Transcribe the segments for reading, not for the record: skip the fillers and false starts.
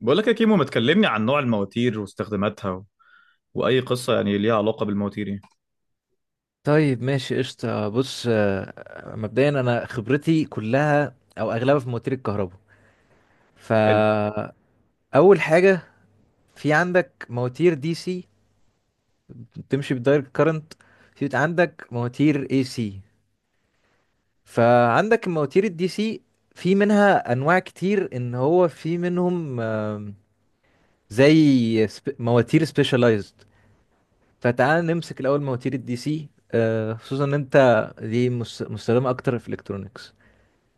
بقول لك يا كيمو ما تكلمني عن نوع المواتير واستخداماتها واي قصه يعني ليها علاقه بالمواتير يعني. طيب ماشي قشطة. بص مبدئيا أنا خبرتي كلها أو أغلبها في مواتير الكهرباء. حلو. فأول حاجة، في عندك مواتير دي سي بتمشي بالدايركت كارنت، في عندك مواتير اي سي. فعندك المواتير الدي سي في منها أنواع كتير، إن هو في منهم زي مواتير سبيشالايزد. فتعال نمسك الأول مواتير الدي سي، خصوصا إن أنت دي مستخدمة أكتر في الإلكترونيكس.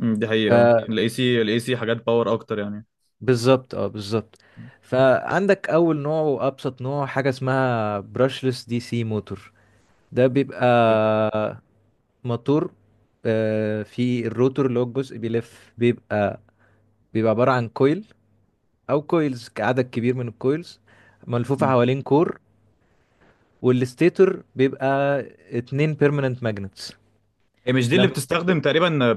دي حقيقه اه، الاي سي الاي سي حاجات باور اكتر يعني. بالظبط، اه بالظبط. فعندك اول نوع وابسط نوع حاجه اسمها براشلس دي سي موتور. ده بيبقى موتور، في الروتور اللي هو الجزء بيلف، بيبقى عباره عن كويل او كويلز، عدد كبير من الكويلز ملفوفه أمم. حوالين كور. والستيتور بيبقى اتنين بيرمننت ماجنتس. هي مش دي اللي بتستخدم تقريبا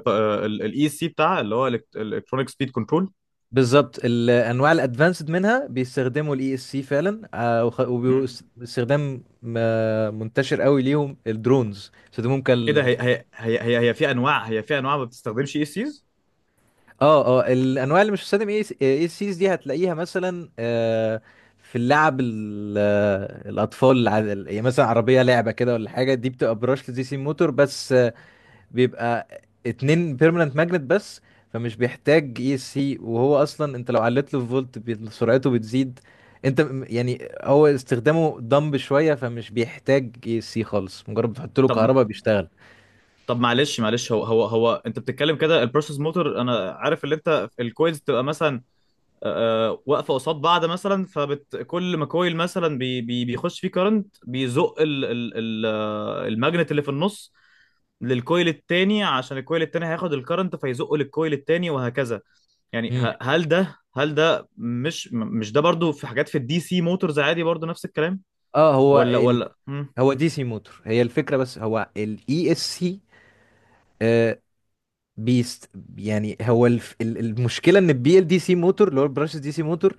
الاي سي بتاعها اللي هو الكترونيك سبيد كنترول؟ بالظبط، الانواع الادفانسد منها بيستخدموا الاي اس سي فعلا، مم. واستخدام منتشر قوي ليهم، الدرونز بيستخدموهم ايه ده؟ كال. هي في انواع، هي في انواع ما بتستخدمش اي سيز. اه اه، الانواع اللي مش بتستخدم اي اس سيز دي هتلاقيها مثلا في اللعب الاطفال يعني مثلا عربيه لعبه كده ولا حاجه، دي بتبقى براشلس دي سي موتور بس. بيبقى اتنين بيرمننت ماجنت بس، فمش بيحتاج اي اس سي. وهو اصلا انت لو علت له فولت سرعته بتزيد. انت يعني هو استخدامه دمب شويه، فمش بيحتاج اي اس سي خالص، مجرد بتحط له طب كهرباء بيشتغل. طب معلش، هو انت بتتكلم كده البروسيس موتور، انا عارف اللي انت الكويز تبقى مثلا واقفه قصاد بعض، مثلا فكل ما كويل مثلا بي بيخش فيه كارنت بيزق ال ال ال آه، الماجنت اللي في النص للكويل التاني، عشان الكويل التاني هياخد الكرنت فيزقه للكويل التاني وهكذا. يعني مم. هل ده هل ده مش ده برضو في حاجات في الدي سي موتورز عادي برضو نفس الكلام؟ اه، ولا ولا مم. هو دي سي موتور، هي الفكره. بس هو الاي اس سي بيست، يعني المشكله ان البي ال دي سي موتور اللي هو البراشس دي سي موتور،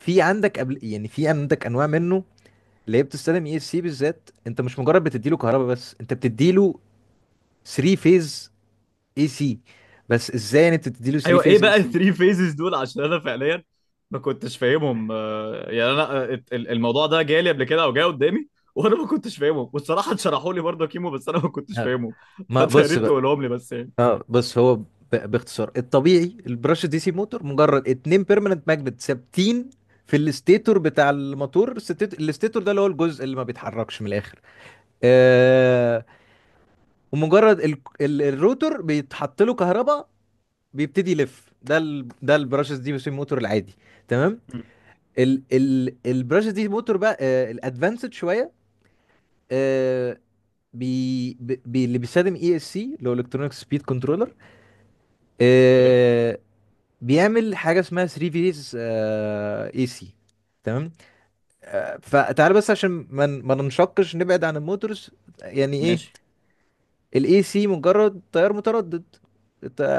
في عندك انواع منه ليه بتستخدم اي سي بالذات. انت مش مجرد بتديله كهرباء بس، انت بتديله 3 فيز اي سي. بس ازاي يعني انت بتديله 3 ايوه، ايه فيز اي بقى سي؟ الثري فيزز دول؟ عشان انا فعليا ما كنتش فاهمهم، يعني انا الموضوع ده جالي قبل كده او جاي قدامي وانا ما كنتش فاهمه، والصراحه اتشرحوا لي برضه كيمو بس انا ما كنتش فاهمه ما فانت يا بص ريت بقى. تقولهم لي بس يعني. اه بص، باختصار الطبيعي البرش دي سي موتور مجرد اتنين بيرمننت ماجنت ثابتين في الاستيتور بتاع الموتور. الاستيتور ده اللي هو الجزء اللي ما بيتحركش من الاخر. آه. ومجرد الروتور بيتحط له كهرباء بيبتدي يلف. ده البرشس دي سي موتور العادي. تمام. مم. ال البراشوت دي موتور بقى الادفانسد شويه، آه، بي بي اللي بيستخدم اي اس سي اللي هو الكترونيك سبيد كنترولر. اوكي. بيعمل حاجه اسمها 3 فيز اي سي. تمام. فتعال بس عشان ما ننشقش نبعد عن الموتورز. يعني ايه ماشي. الاي سي؟ مجرد تيار متردد،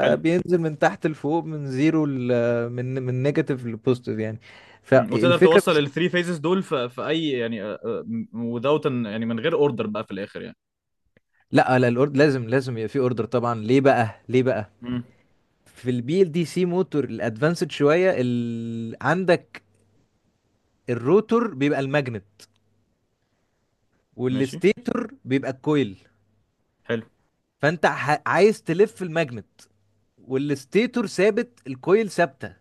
حلو. بينزل من تحت لفوق، من زيرو من نيجاتيف لبوزيتيف يعني. مم. وتقدر فالفكره، توصل الثري فيزز دول في اي يعني، وذاوت يعني من غير اوردر بقى في الاخر يعني؟ لا لا، الاوردر لازم، لازم يبقى في اوردر طبعا. ليه بقى؟ ليه بقى؟ مم. في البي ال دي سي موتور الادفانسد شويه عندك الروتور بيبقى الماجنت ماشي. والستيتور بيبقى الكويل. حلو. عايز تلف الماجنت، والستيتور ثابت، الكويل ثابته.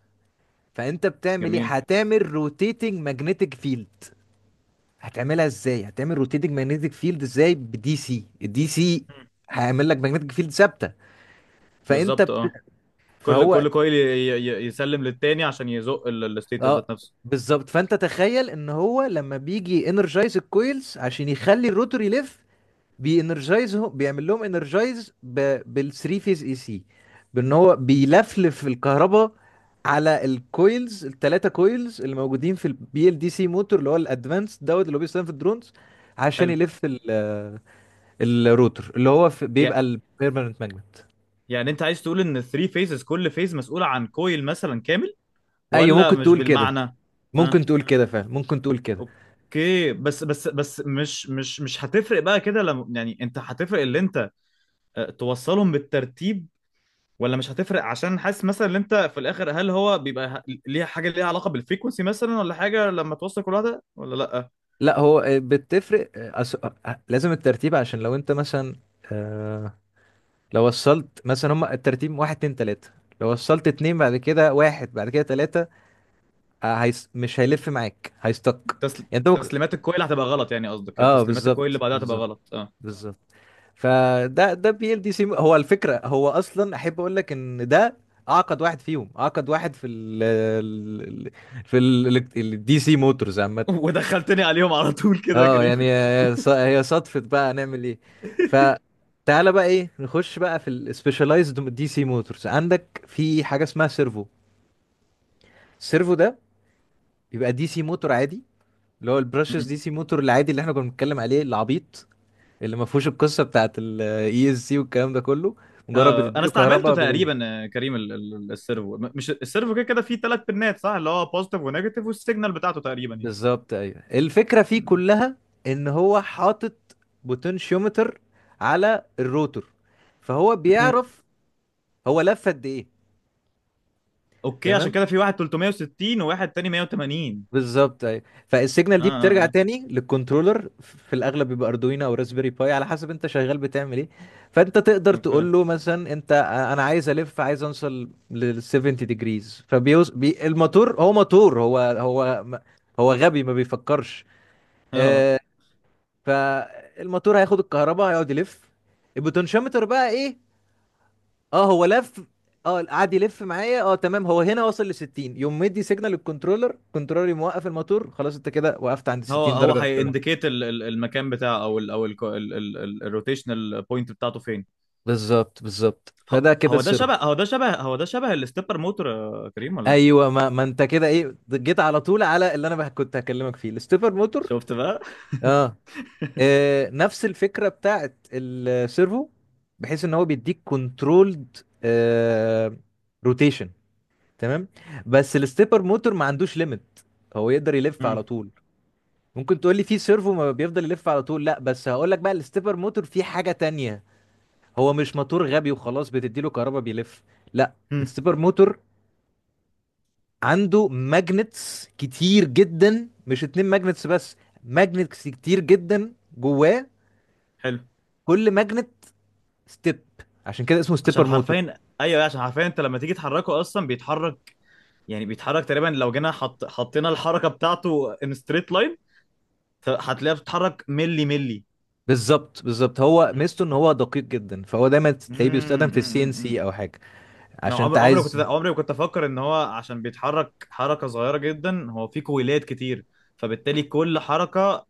فانت بتعمل ايه؟ جميل. هتعمل روتيتنج ماجنتيك فيلد. هتعملها ازاي؟ هتعمل روتيتنج ماجنتيك فيلد ازاي بدي سي؟ الدي سي مم. هيعمل لك ماجنتيك فيلد ثابته. فانت بالظبط بت... اه. كل فهو كل كويل يسلم للتاني عشان يزق الستيتس اه ذات نفسه. بالظبط. فانت تخيل ان هو لما بيجي انرجايز الكويلز عشان يخلي الروتور يلف، بينرجايزهم بيعمل لهم انرجايز بالثري فيز اي سي، بان هو بيلفلف الكهرباء على الكويلز، الثلاثه كويلز اللي موجودين في البي ال دي سي موتور اللي هو الادفانس دوت اللي هو بيستخدم في الدرونز، عشان حلو. يلف الروتر اللي هو في بيبقى يا البيرمننت ماجنت. يعني انت عايز تقول ان الثري فيزز كل فيز مسؤولة عن كويل مثلا كامل، ايوه ولا ممكن مش تقول كده، بالمعنى؟ ممكن ها. تقول كده فعلا، ممكن تقول كده. اوكي، بس مش هتفرق بقى كده لما يعني انت هتفرق اللي انت اه، توصلهم بالترتيب، ولا مش هتفرق؟ عشان حاسس مثلا ان انت في الاخر هل هو ليها حاجة ليها علاقة بالفريكونسي مثلا ولا حاجة لما توصل كل واحدة، ولا لا؟ لا هو بتفرق، لازم الترتيب. عشان لو انت مثلا آه، لو وصلت مثلا، هما الترتيب واحد اتنين تلاتة، لو وصلت اتنين بعد كده واحد بعد كده تلاتة، هيس مش هيلف معاك، هيستك يعني. انت ممكن تسليمات الكويل هتبقى غلط، يعني قصدك اه، تسليمات الكويل اللي بالظبط بعدها هتبقى بالظبط غلط اه. بالظبط. فده ده بي ال دي سي، هو الفكرة. هو اصلا احب اقول لك ان ده اعقد واحد فيهم، اعقد واحد في في الدي سي موتورز عامة. ودخلتني عليهم على طول كده يا اه كريم. يعني هي صدفة بقى، هنعمل ايه. فتعالى بقى ايه نخش بقى في السبيشالايزد دي سي موتورز. عندك في حاجة اسمها سيرفو. السيرفو ده بيبقى دي سي موتور عادي، اللي هو البرشس دي سي موتور العادي اللي احنا كنا بنتكلم عليه العبيط، اللي ما فيهوش القصة بتاعت الاي اس سي والكلام ده كله. مجرد آه انا بتديله استعملته كهرباء تقريبا كريم السيرفو، مش السيرفو كده كده فيه ثلاث بنات صح، اللي هو بوزيتيف ونيجاتيف والسيجنال بتاعته تقريبا يعني. بالظبط ايوه. الفكرة فيه مم. كلها ان هو حاطط بوتنشيومتر على الروتور، فهو مم. بيعرف هو لف قد ايه. اوكي، عشان تمام كده في واحد 360 وواحد تاني 180. بالظبط ايوه. فالسيجنال اه دي اه. بترجع آه. تاني للكنترولر، في الاغلب بيبقى اردوينو او راسبيري باي، على حسب انت شغال بتعمل ايه. فانت تقدر اوكي، تقول له مثلا، انت انا عايز الف، عايز اوصل لل 70 ديجريز، فبيوز بي الموتور. هو موتور، هو غبي ما بيفكرش. اه آه، فالموتور هياخد الكهرباء، هيقعد يلف. البوتنشيومتر بقى ايه؟ اه هو لف، اه قعد يلف معايا، اه تمام هو هنا وصل ل 60، يوم مدي سيجنال للكنترولر، كنترولر يقوم موقف الموتور، خلاص انت كده وقفت عند هو 60 هو درجه بتاع. هينديكيت المكان بتاعه او الروتيشنال بوينت بتاعته فين. بالظبط بالظبط، فده كده هو ده السيرفو. شبه هو ده شبه هو ده شبه الستيبر موتور يا كريم ولا لا؟ ايوه، ما انت كده ايه جيت على طول على اللي انا بقى كنت هكلمك فيه، الستيبر موتور. شفت بقى. اه. نفس الفكره بتاعت السيرفو، بحيث ان هو بيديك كنترولد روتيشن. تمام. بس الستيبر موتور ما عندوش ليميت، هو يقدر يلف على مم. طول. ممكن تقول لي في سيرفو ما بيفضل يلف على طول، لا بس هقول لك بقى الستيبر موتور فيه حاجة تانية. هو مش موتور غبي وخلاص بتديله كهرباء بيلف، لا. مم. الستيبر موتور عنده ماجنتس كتير جدا، مش اتنين ماجنتس بس، ماجنتس كتير جدا جواه. حلو. كل ماجنت ستيب، عشان كده اسمه عشان ستيبر موتور. حرفيا ايوه، عشان حرفيا انت لما تيجي تحركه اصلا بيتحرك، يعني بيتحرك تقريبا لو جينا حطينا الحركه بتاعته ان ستريت لاين هتلاقيها بتتحرك ملي ملي. بالظبط بالظبط. هو ميزته ان هو دقيق جدا، فهو دايما تلاقيه بيستخدم في السي ان امم. سي او حاجة. انا عشان انت عمري كنت عايز، عمري ما كنت افكر ان هو عشان بيتحرك حركه صغيره جدا هو في كويلات كتير، فبالتالي كل حركه،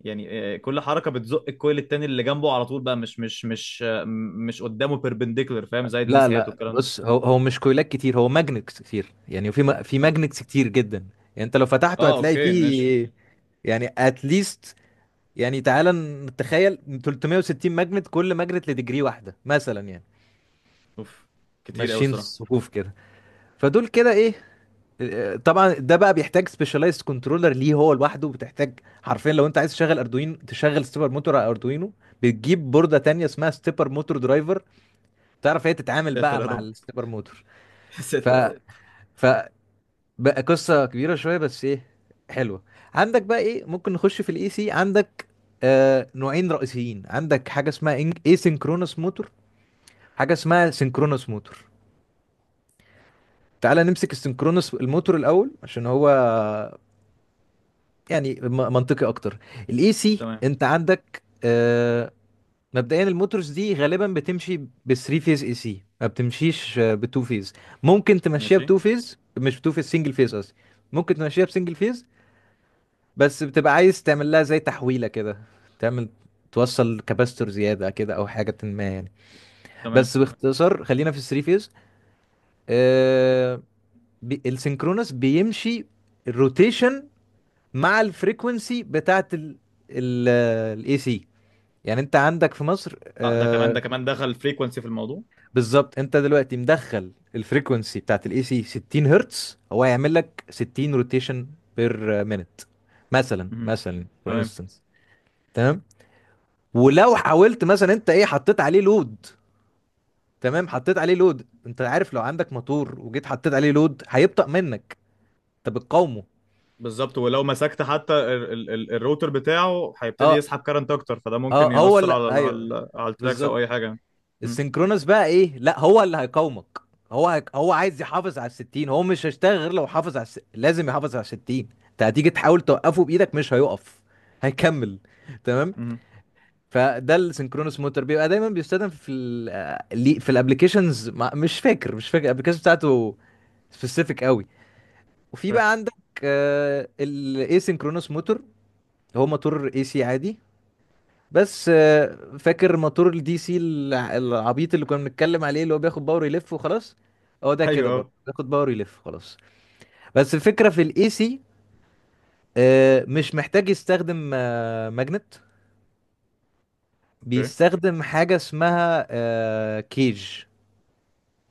يعني كل حركه بتزق الكويل التاني اللي جنبه على طول بقى، مش قدامه بيربنديكولر، فاهم زي لا الديسيهات لا والكلام ده. بص، هو مش كويلات كتير، هو ماجنتس كتير. يعني في في أوك- ماجنتس كتير جدا، يعني انت لو فتحته اه هتلاقي اوكي، ماشي. فيه، يعني اتليست، يعني تعالى نتخيل 360 ماجنت، كل ماجنت لديجري واحده مثلا يعني، اوف، كتير قوي ماشيين صراحه. صفوف كده. فدول كده ايه، طبعا ده بقى بيحتاج سبيشالايزد كنترولر ليه هو لوحده بتحتاج. حرفيا لو انت عايز تشغل اردوين، تشغل ستيبر موتور على اردوينو، بتجيب بورده تانية اسمها ستيبر موتور درايفر، تعرف هي تتعامل ساتر بقى يا مع رب. الستيبر موتور. ف ساتر يا رب. ف بقى قصة كبيرة شوية، بس ايه، حلوة. عندك بقى ايه، ممكن نخش في الاي سي. عندك آه نوعين رئيسيين، عندك حاجة اسمها اي سينكرونس موتور، حاجة اسمها سينكرونس موتور. تعالى نمسك السينكرونس الموتور الأول عشان هو يعني منطقي أكتر. الاي سي تمام. انت عندك آه، مبدئيا الموتورز دي غالبا بتمشي بثري فيز اي سي، ما بتمشيش بتو فيز. ممكن تمشيها ماشي. بتو فيز، مش بتو فيز سنجل فيز قصدي، ممكن تمشيها بسنجل فيز، بس بتبقى عايز تعمل لها زي تحويلة كده، تعمل توصل كباستور زيادة كده أو حاجة ما يعني. تمام. بس باختصار خلينا في الثري فيز. آه، بي السينكرونس بيمشي الروتيشن مع الفريكونسي بتاعت ال الاي سي. يعني انت عندك في مصر اه ده كمان، آه، ده كمان دخل فريكونسي في الموضوع. بالظبط. انت دلوقتي مدخل الفريكونسي بتاعت الاي سي 60 هرتز، هو هيعمل لك 60 روتيشن بير مينت، مثلا مهم. مثلا فور تمام. انستنس. ولو حاولت مثلا انت ايه حطيت عليه لود، تمام حطيت عليه لود، انت عارف لو عندك موتور وجيت حطيت عليه لود هيبطأ منك، انت بتقاومه. بالظبط، ولو مسكت حتى ال الروتر بتاعه هيبتدي اه يسحب كارنت اكتر، فده ممكن اه، هو يأثر اللي على ايوه على على التراكس او اي بالظبط. حاجه. مم. السينكرونس بقى ايه، لا هو اللي هيقاومك. هو عايز يحافظ على الستين، هو مش هيشتغل غير لو حافظ على لازم يحافظ على الستين. انت هتيجي تحاول توقفه بايدك مش هيقف، هيكمل. تمام. مم. فده السynchronous motor بيبقى دايما بيستخدم في في الابلكيشنز. مش فاكر، مش فاكر الابلكيشن بتاعته، سبيسيفيك قوي. وفي اوكي. بقى عندك الاي سينكرونوس موتور. هو موتور اي سي عادي، بس فاكر موتور الدي سي العبيط اللي كنا بنتكلم عليه، اللي هو بياخد باور يلف وخلاص، هو ده كده برضه ايوه. بياخد باور يلف خلاص. بس الفكرة في الاي سي مش محتاج يستخدم ماجنت، اوكي. بيستخدم حاجة اسمها كيج،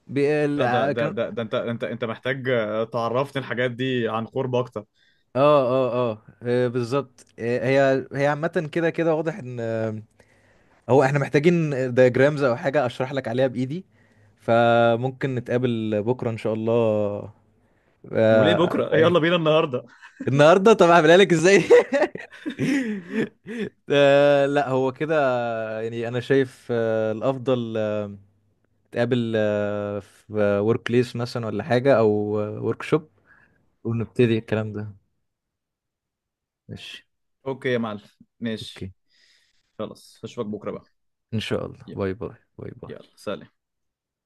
لا ده ده كان. ده ده انت محتاج تعرفني الحاجات دي عن قرب اكتر. اه اه اه، بالظبط. هي عامة كده كده واضح ان هو احنا محتاجين دياجرامز او حاجة اشرح لك عليها بايدي. فممكن نتقابل بكرة ان شاء الله، وليه في بكره؟ يلا بينا النهارده. النهاردة؟ طب هعملها لك ازاي؟ لا هو كده يعني، انا شايف الافضل نتقابل في ورك بليس مثلا ولا حاجة، او ورك شوب، ونبتدي الكلام ده. ماشي. اوكي يا معلم. اوكي. ماشي. خلاص، اشوفك بكره بقى. ان شاء الله. يلا. باي باي باي يلا، باي سلام.